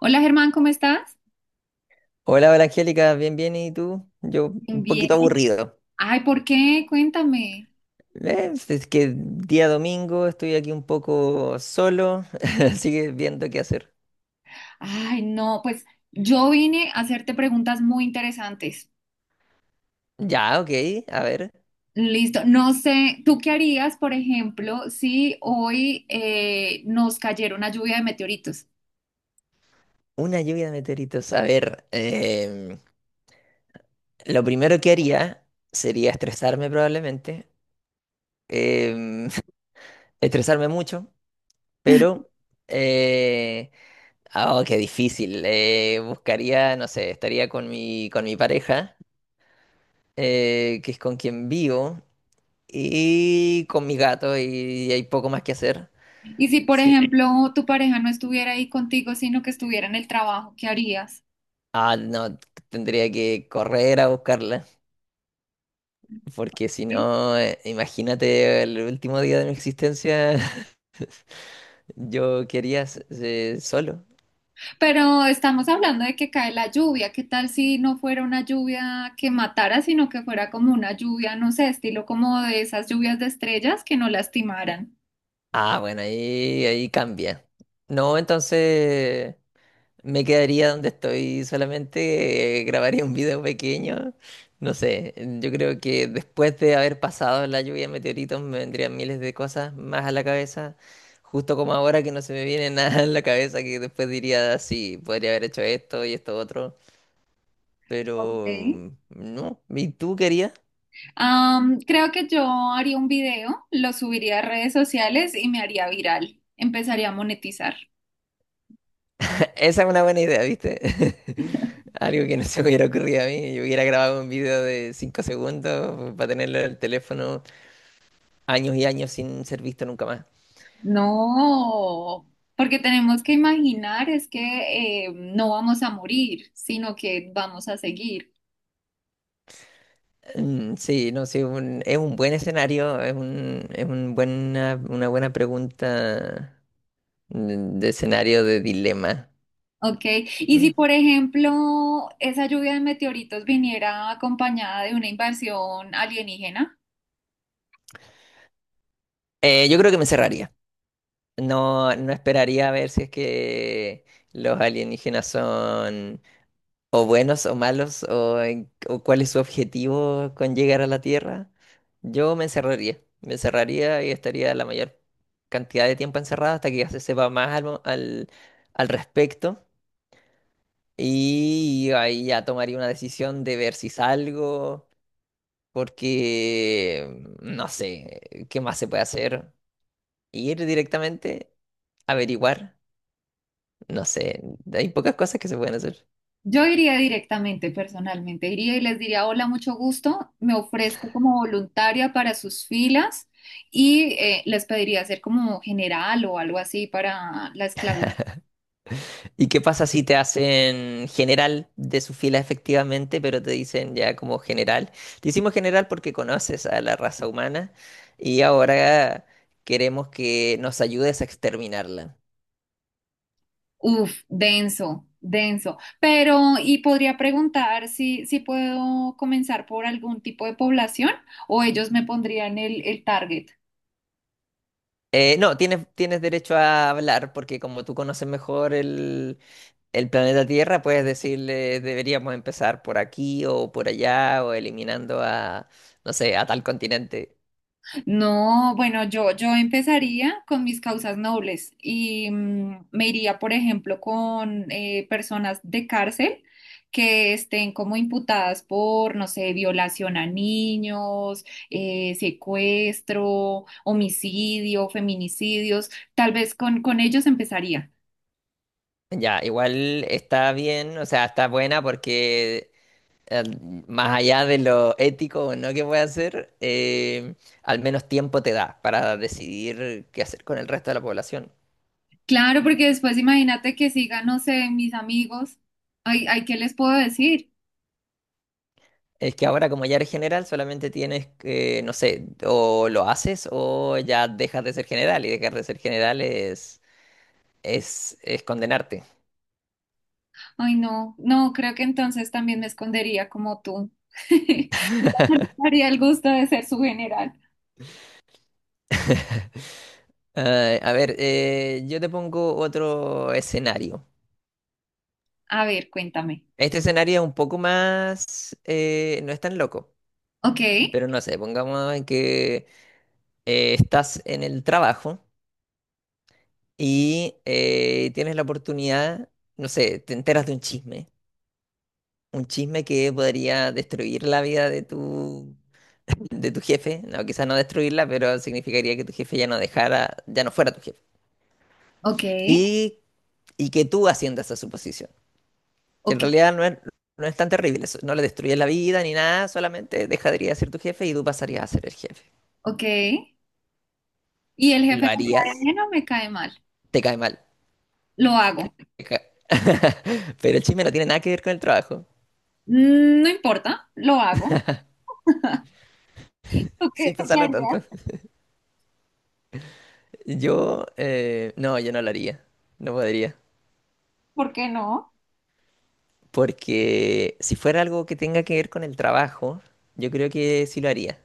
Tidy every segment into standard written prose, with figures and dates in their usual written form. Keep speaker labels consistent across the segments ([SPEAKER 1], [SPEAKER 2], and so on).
[SPEAKER 1] Hola Germán, ¿cómo estás?
[SPEAKER 2] Hola, hola Angélica, bien, bien, ¿y tú? Yo un
[SPEAKER 1] Bien.
[SPEAKER 2] poquito aburrido.
[SPEAKER 1] Ay, ¿por qué? Cuéntame.
[SPEAKER 2] Es que día domingo estoy aquí un poco solo, así que viendo qué hacer.
[SPEAKER 1] Ay, no, pues yo vine a hacerte preguntas muy interesantes.
[SPEAKER 2] Ya, ok, a ver,
[SPEAKER 1] Listo. No sé, ¿tú qué harías, por ejemplo, si hoy nos cayera una lluvia de meteoritos?
[SPEAKER 2] una lluvia de meteoritos. A ver, lo primero que haría sería estresarme probablemente, em, estresarme mucho, pero... eh, oh, qué difícil. Buscaría, no sé, estaría con mi pareja, que es con quien vivo. Y con mis gatos y hay poco más que hacer.
[SPEAKER 1] Y si, por
[SPEAKER 2] Sí.
[SPEAKER 1] ejemplo, tu pareja no estuviera ahí contigo, sino que estuviera en el trabajo, ¿qué harías?
[SPEAKER 2] Ah, no, tendría que correr a buscarla, porque si no, imagínate el último día de mi existencia, yo quería solo.
[SPEAKER 1] Pero estamos hablando de que cae la lluvia. ¿Qué tal si no fuera una lluvia que matara, sino que fuera como una lluvia, no sé, estilo como de esas lluvias de estrellas que no lastimaran?
[SPEAKER 2] Ah, bueno, ahí cambia. No, entonces... Me quedaría donde estoy, solamente grabaría un video pequeño. No sé, yo creo que después de haber pasado la lluvia de meteoritos me vendrían miles de cosas más a la cabeza, justo como ahora que no se me viene nada en la cabeza, que después diría, sí, podría haber hecho esto y esto otro, pero
[SPEAKER 1] Ok.
[SPEAKER 2] no, ¿y tú querías?
[SPEAKER 1] Creo que yo haría un video, lo subiría a redes sociales y me haría viral. Empezaría a monetizar.
[SPEAKER 2] Esa es una buena idea, ¿viste? Algo que no se me hubiera ocurrido a mí, yo hubiera grabado un video de 5 segundos para tenerlo en el teléfono años y años sin ser visto nunca más.
[SPEAKER 1] No, porque tenemos que imaginar es que no vamos a morir, sino que vamos a seguir.
[SPEAKER 2] Mm, sí, no, sí, es un buen escenario, es un una buena pregunta de escenario de dilema.
[SPEAKER 1] Ok, y si
[SPEAKER 2] Mm.
[SPEAKER 1] por ejemplo esa lluvia de meteoritos viniera acompañada de una invasión alienígena,
[SPEAKER 2] Yo creo que me encerraría. No, no esperaría a ver si es que los alienígenas son o buenos o malos o cuál es su objetivo con llegar a la Tierra. Yo me encerraría y estaría la mayor cantidad de tiempo encerrada hasta que ya se sepa más al, mo- al al respecto. Y ahí ya tomaría una decisión de ver si salgo, porque no sé, ¿qué más se puede hacer? Ir directamente, averiguar, no sé, hay pocas cosas que se pueden hacer.
[SPEAKER 1] yo iría directamente, personalmente, iría y les diría, hola, mucho gusto, me ofrezco como voluntaria para sus filas y les pediría ser como general o algo así para la esclavitud.
[SPEAKER 2] ¿Y qué pasa si te hacen general de su fila efectivamente, pero te dicen ya como general? Te hicimos general porque conoces a la raza humana y ahora queremos que nos ayudes a exterminarla.
[SPEAKER 1] Uf, denso, denso. Pero, y podría preguntar si, si puedo comenzar por algún tipo de población o ellos me pondrían el target.
[SPEAKER 2] No, tienes derecho a hablar porque como tú conoces mejor el planeta Tierra, puedes decirle deberíamos empezar por aquí o por allá o eliminando a, no sé, a tal continente.
[SPEAKER 1] No, bueno, yo empezaría con mis causas nobles y me iría, por ejemplo, con personas de cárcel que estén como imputadas por, no sé, violación a niños, secuestro, homicidio, feminicidios. Tal vez con ellos empezaría.
[SPEAKER 2] Ya, igual está bien, o sea, está buena porque eh, más allá de lo ético o no que puede hacer, al menos tiempo te da para decidir qué hacer con el resto de la población.
[SPEAKER 1] Claro, porque después imagínate que sigan, no sé, mis amigos. Ay, ay, ¿qué les puedo decir?
[SPEAKER 2] Es que ahora como ya eres general, solamente tienes que, no sé, o lo haces o ya dejas de ser general y dejar de ser general es condenarte.
[SPEAKER 1] Ay, no, no, creo que entonces también me escondería como tú. Haría el gusto de ser su general.
[SPEAKER 2] Yo te pongo otro escenario.
[SPEAKER 1] A ver, cuéntame.
[SPEAKER 2] Este escenario es un poco más, no es tan loco,
[SPEAKER 1] Ok,
[SPEAKER 2] pero no sé, pongamos en que estás en el trabajo y tienes la oportunidad, no sé, te enteras de un chisme. Un chisme que podría destruir la vida de tu, de tu jefe. No, quizás no destruirla, pero significaría que tu jefe ya no dejara, ya no fuera tu jefe.
[SPEAKER 1] ok,
[SPEAKER 2] Y, y que tú asciendas a su posición. En
[SPEAKER 1] ok,
[SPEAKER 2] realidad no es tan terrible eso. No le destruyes la vida ni nada, solamente dejaría de ser tu jefe y tú pasarías a ser el jefe.
[SPEAKER 1] ok. ¿Y el
[SPEAKER 2] ¿Lo
[SPEAKER 1] jefe me cae
[SPEAKER 2] harías?
[SPEAKER 1] bien o me cae mal?
[SPEAKER 2] Te cae mal.
[SPEAKER 1] Lo hago.
[SPEAKER 2] Te ca- Pero el chisme no tiene nada que ver con el trabajo.
[SPEAKER 1] No importa, lo hago.
[SPEAKER 2] Sin
[SPEAKER 1] Tú qué
[SPEAKER 2] pensarlo
[SPEAKER 1] harías?
[SPEAKER 2] tanto. Yo, no, yo no lo haría. No podría.
[SPEAKER 1] ¿Por qué no?
[SPEAKER 2] Porque si fuera algo que tenga que ver con el trabajo, yo creo que sí lo haría.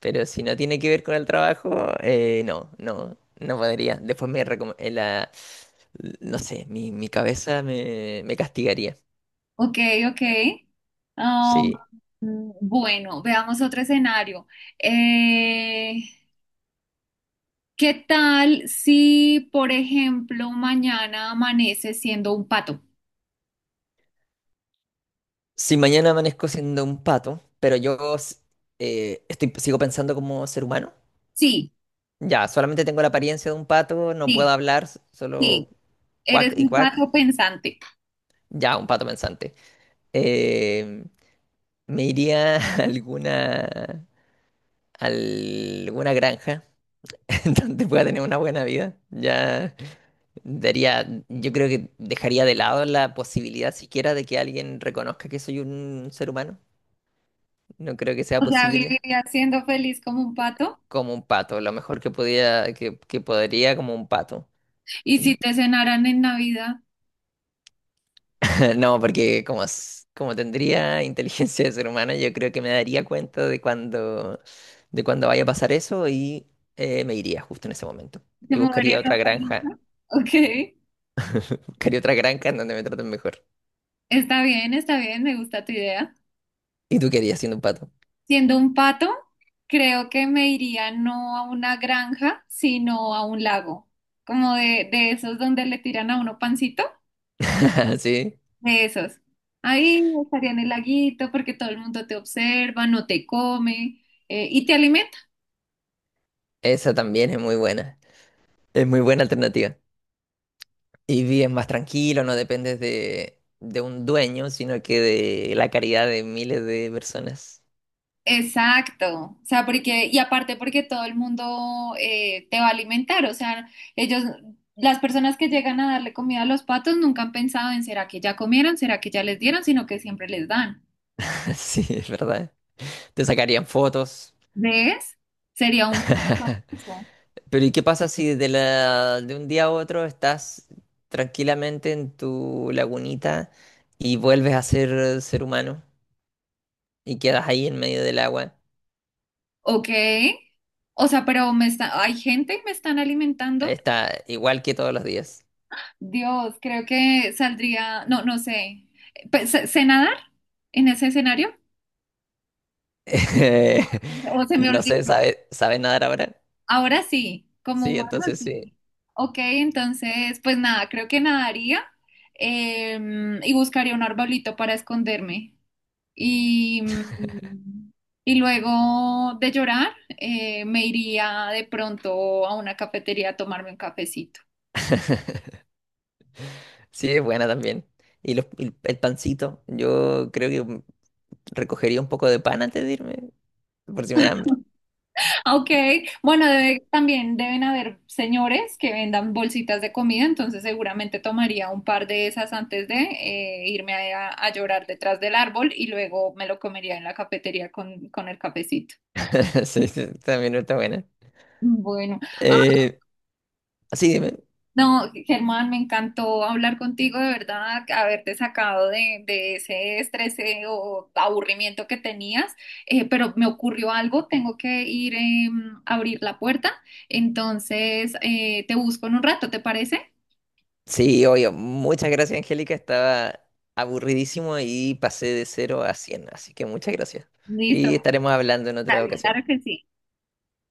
[SPEAKER 2] Pero si no tiene que ver con el trabajo, no, no, no podría. Después me recom- la, no sé, mi cabeza me castigaría.
[SPEAKER 1] Ok, ok. Um,
[SPEAKER 2] Sí.
[SPEAKER 1] mm, bueno, veamos otro escenario. Eh, ¿Qué tal si, por ejemplo, mañana amaneces siendo un pato?
[SPEAKER 2] Si mañana amanezco siendo un pato, pero yo estoy, sigo pensando como ser humano,
[SPEAKER 1] Sí,
[SPEAKER 2] ya, solamente tengo la apariencia de un pato, no puedo
[SPEAKER 1] sí,
[SPEAKER 2] hablar, solo
[SPEAKER 1] sí.
[SPEAKER 2] cuac
[SPEAKER 1] Eres
[SPEAKER 2] y
[SPEAKER 1] un
[SPEAKER 2] cuac,
[SPEAKER 1] pato pensante.
[SPEAKER 2] ya, un pato pensante. Eh, Me iría a alguna granja en donde pueda tener una buena vida. Ya daría, yo creo que dejaría de lado la posibilidad siquiera de que alguien reconozca que soy un ser humano. No creo que sea
[SPEAKER 1] O sea,
[SPEAKER 2] posible.
[SPEAKER 1] viviría siendo feliz como un pato.
[SPEAKER 2] Como un pato, lo mejor que podía, que podría como un pato.
[SPEAKER 1] Y si te cenaran en Navidad,
[SPEAKER 2] No, porque como tendría inteligencia de ser humano, yo creo que me daría cuenta de cuando vaya a pasar eso y me iría justo en ese momento.
[SPEAKER 1] ¿te
[SPEAKER 2] Y
[SPEAKER 1] moverías a Tailandia? Ok,
[SPEAKER 2] buscaría otra granja en donde me traten mejor.
[SPEAKER 1] está bien, me gusta tu idea.
[SPEAKER 2] Y tú querías siendo un pato.
[SPEAKER 1] Siendo un pato, creo que me iría no a una granja, sino a un lago. Como de esos donde le tiran a uno pancito,
[SPEAKER 2] Sí,
[SPEAKER 1] de esos. Ahí estaría en el laguito porque todo el mundo te observa, no te come, y te alimenta.
[SPEAKER 2] esa también es muy buena. Es muy buena alternativa. Y vives más tranquilo, no dependes de un dueño, sino que de la caridad de miles de personas.
[SPEAKER 1] Exacto, o sea, porque, y aparte porque todo el mundo te va a alimentar, o sea, ellos, las personas que llegan a darle comida a los patos nunca han pensado en será que ya comieron, será que ya les dieron, sino que siempre les dan.
[SPEAKER 2] Sí, es verdad. Te sacarían fotos.
[SPEAKER 1] ¿Ves? Sería un pato famoso.
[SPEAKER 2] Pero ¿y qué pasa si de un día a otro estás tranquilamente en tu lagunita y vuelves a ser ser humano y quedas ahí en medio del agua?
[SPEAKER 1] Ok, o sea, pero me está, hay gente que me están alimentando.
[SPEAKER 2] Está igual que todos los días.
[SPEAKER 1] Dios, creo que saldría, no, no sé, pues, ¿sé nadar en ese escenario? O se me
[SPEAKER 2] No sé,
[SPEAKER 1] olvidó.
[SPEAKER 2] ¿sabe, sabe nadar ahora?
[SPEAKER 1] Ahora sí, como
[SPEAKER 2] Sí,
[SPEAKER 1] humano
[SPEAKER 2] entonces sí.
[SPEAKER 1] sí. Ok, entonces, pues nada, creo que nadaría y buscaría un arbolito para esconderme. Y, mm, y luego de llorar, me iría de pronto a una cafetería a tomarme un cafecito.
[SPEAKER 2] Sí, es buena también. El pancito, yo creo que recogería un poco de pan antes de irme, por si me da hambre.
[SPEAKER 1] Ok, bueno, debe- también deben haber señores que vendan bolsitas de comida, entonces seguramente tomaría un par de esas antes de irme a llorar detrás del árbol y luego me lo comería en la cafetería con el cafecito.
[SPEAKER 2] Sí, sí, también está buena.
[SPEAKER 1] Bueno,
[SPEAKER 2] Eh, sí, dime.
[SPEAKER 1] no, Germán, me encantó hablar contigo, de verdad, haberte sacado de ese estrés o aburrimiento que tenías. Pero me ocurrió algo, tengo que ir a abrir la puerta, entonces te busco en un rato, ¿te parece?
[SPEAKER 2] Sí, obvio. Muchas gracias, Angélica. Estaba aburridísimo y pasé de cero a 100. Así que muchas gracias.
[SPEAKER 1] Listo,
[SPEAKER 2] Y estaremos hablando en otra ocasión.
[SPEAKER 1] claro que sí.